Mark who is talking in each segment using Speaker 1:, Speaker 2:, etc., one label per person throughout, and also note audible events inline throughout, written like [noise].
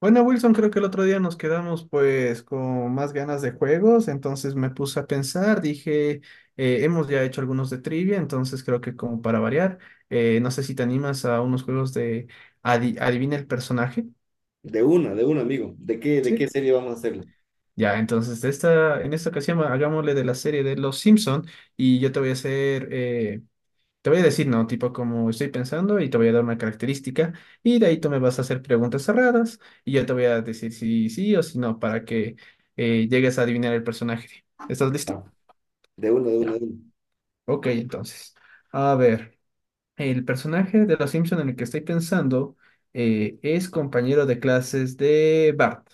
Speaker 1: Bueno, Wilson, creo que el otro día nos quedamos pues con más ganas de juegos, entonces me puse a pensar, dije, hemos ya hecho algunos de trivia, entonces creo que como para variar, no sé si te animas a unos juegos de adivina el personaje,
Speaker 2: De una, amigo. De qué
Speaker 1: ¿sí?
Speaker 2: serie vamos a hacerlo?
Speaker 1: Ya, entonces de esta, en esta ocasión hagámosle de la serie de Los Simpson y yo te voy a hacer te voy a decir, no, tipo como estoy pensando y te voy a dar una característica y de ahí tú me vas a hacer preguntas cerradas y yo te voy a decir si sí o si no para que llegues a adivinar el personaje. ¿Estás listo?
Speaker 2: Ah, de una, de una,
Speaker 1: Ya.
Speaker 2: de una.
Speaker 1: Ok, entonces. A ver, el personaje de Los Simpson en el que estoy pensando es compañero de clases de Bart.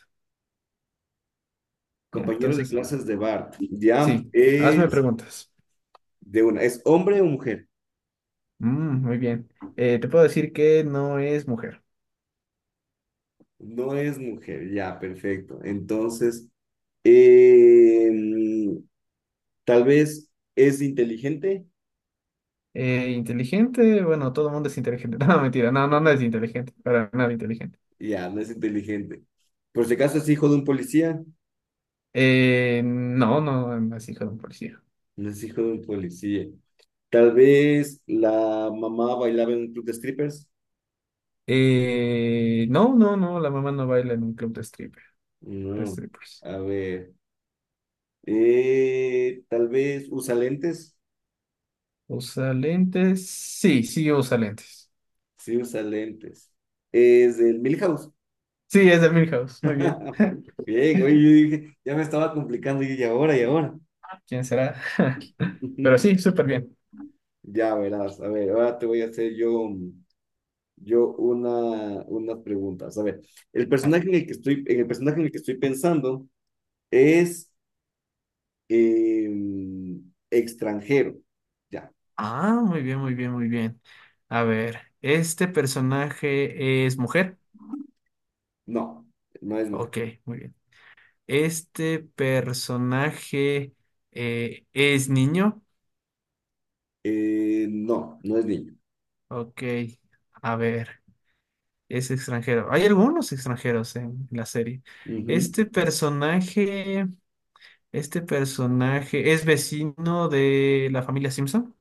Speaker 1: ¿Ya?
Speaker 2: Compañero de
Speaker 1: Entonces,
Speaker 2: clases de Bart. Ya
Speaker 1: sí, hazme
Speaker 2: es
Speaker 1: preguntas.
Speaker 2: de una. ¿Es hombre o mujer?
Speaker 1: Mm, muy bien. Te puedo decir que no es mujer.
Speaker 2: No es mujer. Ya, perfecto. Entonces, em, tal vez es inteligente.
Speaker 1: Inteligente, bueno, todo el mundo es inteligente. [laughs] No, mentira, no, no, no es
Speaker 2: [laughs]
Speaker 1: inteligente, para nada inteligente.
Speaker 2: Ya, no es inteligente. Por si acaso es hijo de un policía.
Speaker 1: No, no, no es hijo de un policía.
Speaker 2: No es hijo de un policía. Tal vez la mamá bailaba en un club de strippers.
Speaker 1: No, no, no, la mamá no baila en un club de stripper, de
Speaker 2: No.
Speaker 1: strippers.
Speaker 2: A ver. Tal vez usa lentes.
Speaker 1: ¿Usa lentes? Sí, sí usa lentes.
Speaker 2: Sí, usa lentes. Es del Milhouse.
Speaker 1: Sí, es de Milhouse, muy bien.
Speaker 2: [laughs] Bien, oye, yo dije, ya me estaba complicando y yo, y ahora, y ahora.
Speaker 1: ¿Quién será? [laughs] Pero sí,
Speaker 2: [laughs]
Speaker 1: súper bien.
Speaker 2: Ya verás, a ver, ahora te voy a hacer yo, yo una, unas preguntas. A ver, el
Speaker 1: A ver.
Speaker 2: personaje en el que estoy, en el personaje en el que estoy pensando es eh, extranjero. Ya,
Speaker 1: Ah, muy bien, muy bien, muy bien. A ver, ¿este personaje es mujer?
Speaker 2: no, no es mujer.
Speaker 1: Ok, muy bien. Este personaje es niño.
Speaker 2: No, no es niño.
Speaker 1: Ok, a ver, es extranjero. Hay algunos extranjeros en la serie.
Speaker 2: Ujú.
Speaker 1: Este personaje, este personaje es vecino de la familia Simpson.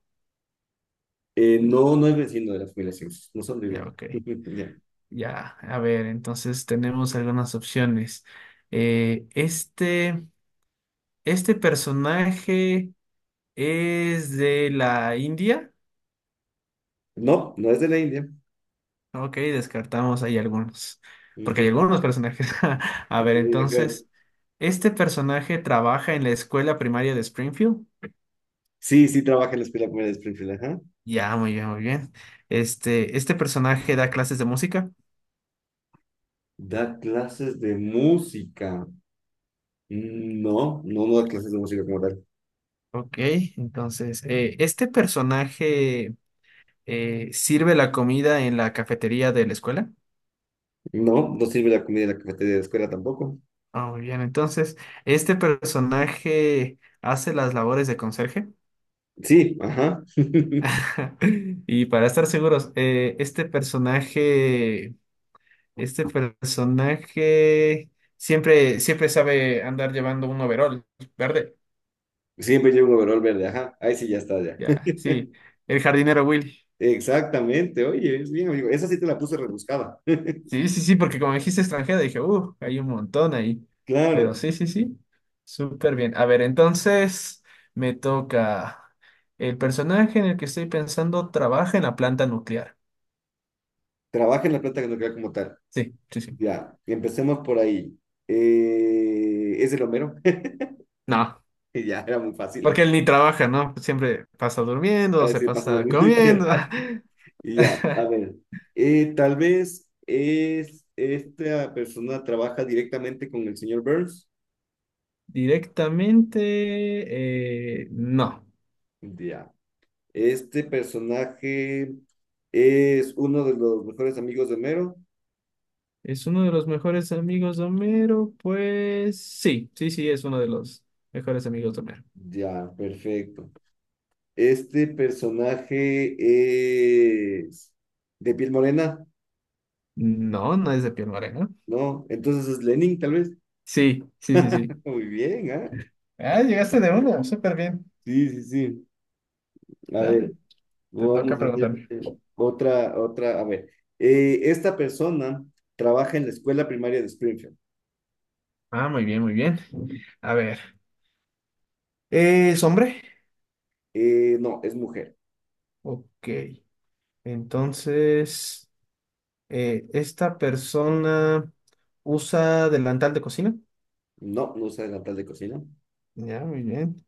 Speaker 2: No, no es vecino de las familia no son de
Speaker 1: Ya,
Speaker 2: bien.
Speaker 1: ok.
Speaker 2: [laughs] Ya.
Speaker 1: Ya, a ver, entonces tenemos algunas opciones. Eh, este, este personaje es de la India.
Speaker 2: No, no es de la India.
Speaker 1: Ok, descartamos ahí algunos, porque hay
Speaker 2: Ujú.
Speaker 1: algunos personajes. [laughs] A ver,
Speaker 2: Sí, ajá.
Speaker 1: entonces, ¿este personaje trabaja en la escuela primaria de Springfield?
Speaker 2: Sí, sí trabaja en la escuela primaria de Springfield, ajá.
Speaker 1: Ya, muy bien, muy bien. Este, ¿este personaje da clases de música?
Speaker 2: Da clases de música. Mm, no, no, no da clases de música como tal.
Speaker 1: Ok, entonces, ¿este personaje sirve la comida en la cafetería de la escuela?
Speaker 2: No, no sirve la comida en la cafetería de la escuela tampoco.
Speaker 1: Ah, muy bien, entonces, ¿este personaje hace las labores de conserje?
Speaker 2: Sí, ajá. [laughs]
Speaker 1: [laughs] Y para estar seguros, ¿este personaje Este personaje siempre, siempre sabe andar llevando un overol verde.
Speaker 2: Siempre llevo un overol verde, ajá. Ahí sí ya está, ya.
Speaker 1: Ya,
Speaker 2: [laughs]
Speaker 1: sí. El jardinero Willy.
Speaker 2: Exactamente, oye, es bien, amigo. Esa sí te la puse rebuscada.
Speaker 1: Sí, sí, sí, porque como dijiste extranjera, dije, hay un montón ahí.
Speaker 2: Claro,
Speaker 1: Pero sí, sí, sí. Súper bien. A ver, entonces me toca. El personaje en el que estoy pensando trabaja en la planta nuclear.
Speaker 2: trabaja en la planta que no queda como tal.
Speaker 1: Sí, sí, sí.
Speaker 2: Ya, empecemos por ahí. ¿Es el Homero? [laughs]
Speaker 1: No,
Speaker 2: Ya, era muy fácil.
Speaker 1: porque él ni trabaja, ¿no? Siempre pasa
Speaker 2: A
Speaker 1: durmiendo,
Speaker 2: ver
Speaker 1: se
Speaker 2: si pasa a
Speaker 1: pasa
Speaker 2: dormir [laughs] literal.
Speaker 1: comiendo.
Speaker 2: Y ya, a
Speaker 1: [laughs]
Speaker 2: ver. Tal vez es esta persona trabaja directamente con el señor Burns.
Speaker 1: Directamente, no.
Speaker 2: Ya. Este personaje es uno de los mejores amigos de Homero.
Speaker 1: ¿Es uno de los mejores amigos de Homero? Pues sí, sí, sí, es uno de los mejores amigos de Homero.
Speaker 2: Ya, perfecto. Este personaje es de piel morena,
Speaker 1: No, no es de piel morena.
Speaker 2: ¿no? Entonces es Lenin, tal vez.
Speaker 1: Sí, sí, sí, sí.
Speaker 2: [laughs] Muy bien, ¿ah?
Speaker 1: Ah, llegaste de uno, súper bien.
Speaker 2: Sí, sí, sí. A ver,
Speaker 1: Dale, te toca
Speaker 2: vamos a hacer
Speaker 1: preguntarme.
Speaker 2: otra, otra. A ver, esta persona trabaja en la escuela primaria de Springfield.
Speaker 1: Ah, muy bien, muy bien. A ver, ¿es hombre?
Speaker 2: No, es mujer.
Speaker 1: Ok, entonces, ¿esta persona usa delantal de cocina?
Speaker 2: No, no usa delantal de cocina.
Speaker 1: Ya, muy bien.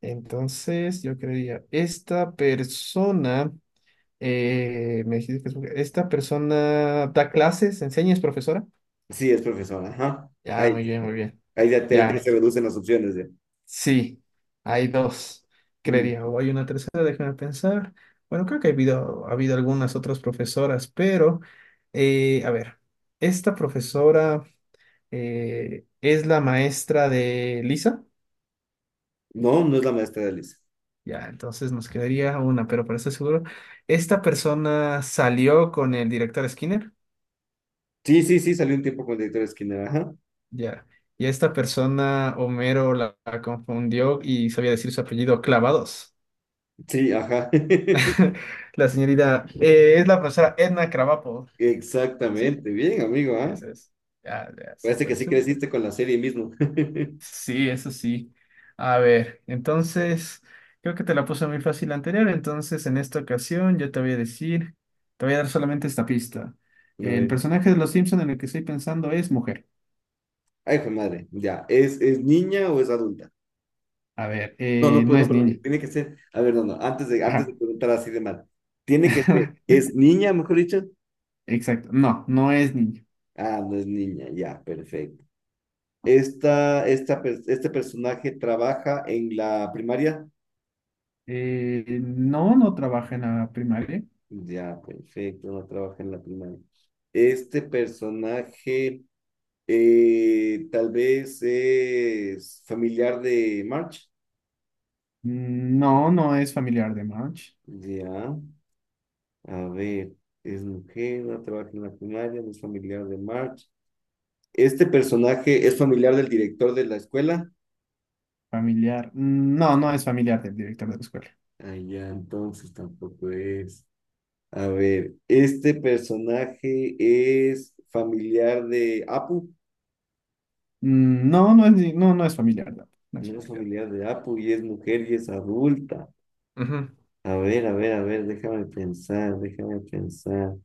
Speaker 1: Entonces, yo creería, esta persona, me dijiste que es mujer, esta persona da clases, enseña, es profesora.
Speaker 2: Sí, es profesora. Ajá.
Speaker 1: Ya,
Speaker 2: Ahí,
Speaker 1: muy bien, muy bien.
Speaker 2: ahí ya, te, ahí ya
Speaker 1: Ya,
Speaker 2: se reducen las opciones. Ya.
Speaker 1: sí, hay dos, creería.
Speaker 2: Mm.
Speaker 1: O hay una tercera, déjame pensar. Bueno, creo que ha habido algunas otras profesoras, pero, a ver, esta profesora es la maestra de Lisa.
Speaker 2: No, no es la maestra de Alice.
Speaker 1: Ya, entonces nos quedaría una, pero para estar seguro, ¿esta persona salió con el director Skinner?
Speaker 2: Sí, sí, sí, salió un tiempo con el director Skinner. Ajá.
Speaker 1: Ya. Y esta persona, Homero, la confundió y sabía decir su apellido Clavados.
Speaker 2: Sí, ajá. [laughs]
Speaker 1: [laughs] La señorita, es la profesora Edna Krabappel, ¿sí?
Speaker 2: Exactamente. Bien, amigo, ¿ah?
Speaker 1: Esa es. Ya, ya,
Speaker 2: Parece que
Speaker 1: súper,
Speaker 2: sí
Speaker 1: súper.
Speaker 2: creciste con la serie mismo. [laughs]
Speaker 1: Sí, eso sí. A ver, entonces, creo que te la puse muy fácil la anterior, entonces en esta ocasión yo te voy a decir, te voy a dar solamente esta pista.
Speaker 2: A
Speaker 1: El
Speaker 2: ver.
Speaker 1: personaje de Los Simpson en el que estoy pensando es mujer.
Speaker 2: Ay, hijo de madre, ya. Es niña o es adulta?
Speaker 1: A ver,
Speaker 2: No, no, pues
Speaker 1: no
Speaker 2: no,
Speaker 1: es
Speaker 2: perdón.
Speaker 1: niña.
Speaker 2: Tiene que ser. A ver, no, no. Antes
Speaker 1: Ajá.
Speaker 2: de preguntar así de mal. Tiene que ser.
Speaker 1: [laughs]
Speaker 2: ¿Es niña, mejor dicho?
Speaker 1: Exacto, no, no es niña.
Speaker 2: Ah, no es niña, ya, perfecto. Esta, per- este personaje trabaja en la primaria.
Speaker 1: No, no trabaja en la primaria.
Speaker 2: Ya, perfecto, no trabaja en la primaria. Este personaje tal vez es familiar de March.
Speaker 1: Mm, no, no es familiar de Marge.
Speaker 2: Ya. A ver, es mujer, no trabaja en la primaria, no es familiar de March. ¿Este personaje es familiar del director de la escuela?
Speaker 1: Familiar, mm, no, no es familiar del director de la escuela.
Speaker 2: Ah, ya, entonces tampoco es. A ver, ¿este personaje es familiar de Apu?
Speaker 1: Mm, no, no es, ni- no, no es familiar, no, no es
Speaker 2: No es
Speaker 1: familiar.
Speaker 2: familiar de Apu y es mujer y es adulta.
Speaker 1: Ujú.
Speaker 2: A ver, a ver, a ver, déjame pensar, déjame pensar.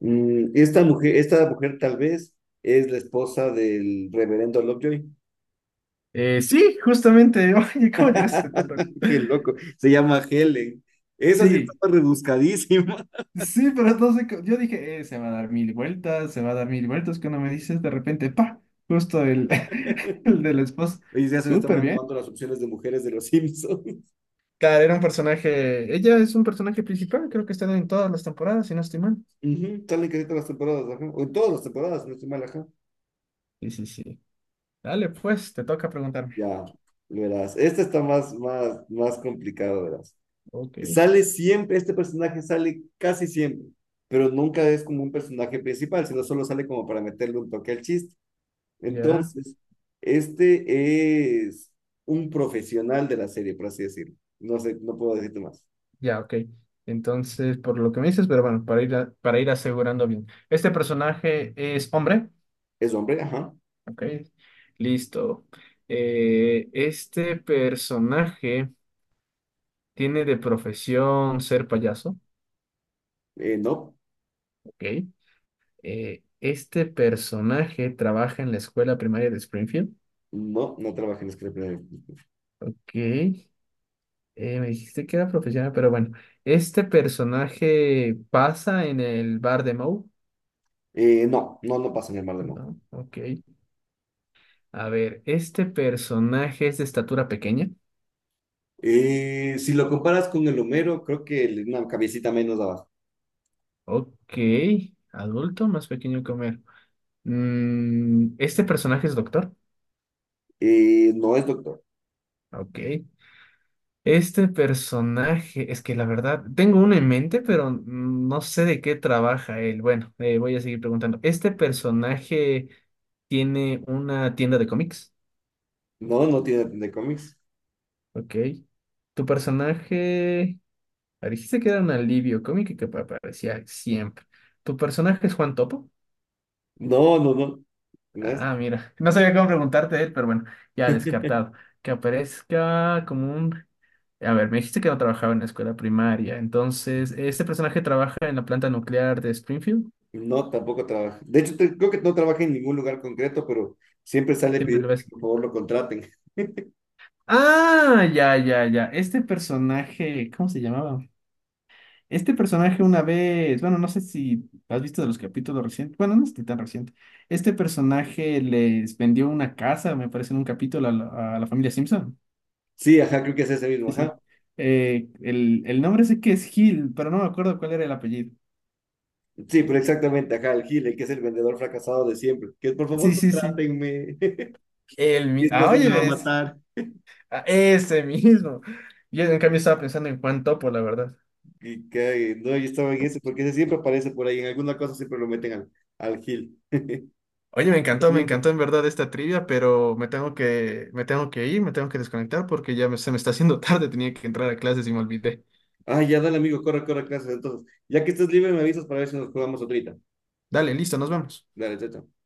Speaker 2: Mm, esta mujer tal vez es la esposa del reverendo Lovejoy.
Speaker 1: Sí, justamente. [laughs] Oye, ¿cómo llegaste tan rápido?
Speaker 2: [laughs] Qué loco. Se llama Helen. Esa sí
Speaker 1: Sí,
Speaker 2: estaba rebuscadísima. [laughs]
Speaker 1: sí, pero no sé. Yo dije, se va a dar mil vueltas, se va a dar mil vueltas. Cuando me dices de repente, pa, justo el, [laughs] el de la esposa.
Speaker 2: Oye, ya se me estaban
Speaker 1: Súper bien.
Speaker 2: acabando las opciones de mujeres de los Simpsons. [laughs]
Speaker 1: Claro, era un personaje. Ella es un personaje principal, creo que está en todas las temporadas, si no estoy mal.
Speaker 2: Ujú, salen casi todas las temporadas, ajá. O en todas las temporadas, si no estoy mal, ajá.
Speaker 1: Sí, sí, sí. Dale, pues, te toca preguntarme.
Speaker 2: Ya, verás. Esta está más, más, más complicado, verás.
Speaker 1: Ok,
Speaker 2: Sale siempre, este personaje sale casi siempre, pero nunca es como un personaje principal, sino solo sale como para meterle un toque al chiste.
Speaker 1: ya,
Speaker 2: Entonces, este es un profesional de la serie, por así decirlo. No sé, no puedo decirte más.
Speaker 1: ya, ok. Entonces, por lo que me dices, pero bueno, para ir, para ir asegurando bien. ¿Este personaje es hombre?
Speaker 2: Es hombre, ajá.
Speaker 1: Ok, listo. Este personaje tiene de profesión ser payaso.
Speaker 2: No,
Speaker 1: Ok. Este personaje trabaja en la escuela primaria de Springfield.
Speaker 2: no, no trabaja en la escritura.
Speaker 1: Ok. Me dijiste que era profesional, pero bueno. Este personaje pasa en el bar de Moe.
Speaker 2: No, no, no pasa en el mar de no.
Speaker 1: No, ok. A ver, este personaje es de estatura pequeña.
Speaker 2: Si lo comparas con el Homero, creo que le- una cabecita menos abajo.
Speaker 1: Ok. Adulto más pequeño que Homero. Mm, este personaje es doctor.
Speaker 2: No es doctor.
Speaker 1: Ok. Este personaje, es que la verdad, tengo uno en mente, pero no sé de qué trabaja él. Bueno, voy a seguir preguntando. ¿Este personaje tiene una tienda de cómics?
Speaker 2: No, no tiene de cómics.
Speaker 1: Ok. ¿Tu personaje... ah, dijiste que era un alivio cómico y que aparecía siempre. ¿Tu personaje es Juan Topo?
Speaker 2: No, no, no. No es.
Speaker 1: Ah, mira. No sabía cómo preguntarte de él, pero bueno, ya descartado. Que aparezca como un A ver, me dijiste que no trabajaba en la escuela primaria. Entonces, ¿este personaje trabaja en la planta nuclear de Springfield?
Speaker 2: No, tampoco trabaja. De hecho, te- creo que no trabaja en ningún lugar concreto, pero siempre sale
Speaker 1: Siempre lo
Speaker 2: pidiendo
Speaker 1: ves.
Speaker 2: que por favor lo contraten.
Speaker 1: Ah, ya, ya, ya. Este personaje, ¿cómo se llamaba? Este personaje una vez, bueno, no sé si has visto de los capítulos recientes, bueno, no es ni tan reciente. Este personaje les vendió una casa, me parece, en un capítulo a a la familia Simpson.
Speaker 2: Sí, ajá, creo que es ese mismo,
Speaker 1: Sí,
Speaker 2: ajá.
Speaker 1: sí. El nombre sé que es Hill, pero no me acuerdo cuál era el apellido.
Speaker 2: Sí, pero exactamente, ajá, el Gil, el que es el vendedor fracasado de siempre. Que por
Speaker 1: Sí,
Speaker 2: favor
Speaker 1: sí, sí.
Speaker 2: contrátenme. [laughs] Mi
Speaker 1: Ah,
Speaker 2: esposa me
Speaker 1: oye,
Speaker 2: va a
Speaker 1: ves.
Speaker 2: matar.
Speaker 1: Ah, ese mismo. Yo en cambio estaba pensando en Juan Topo, la verdad.
Speaker 2: Y cae, no, yo estaba en ese, porque ese siempre aparece por ahí, en alguna cosa siempre lo meten al, al Gil. [laughs]
Speaker 1: Oye, me
Speaker 2: Amigo.
Speaker 1: encantó en verdad esta trivia, pero me tengo que ir, me tengo que desconectar porque ya se me está haciendo [laughs] tarde, tenía que entrar a clases y me olvidé.
Speaker 2: Ah, ya dale, amigo, corre, corre, clases. Entonces, ya que estés libre, me avisas para ver si nos jugamos ahorita.
Speaker 1: Dale, listo, nos vemos.
Speaker 2: Dale, chao. Chao.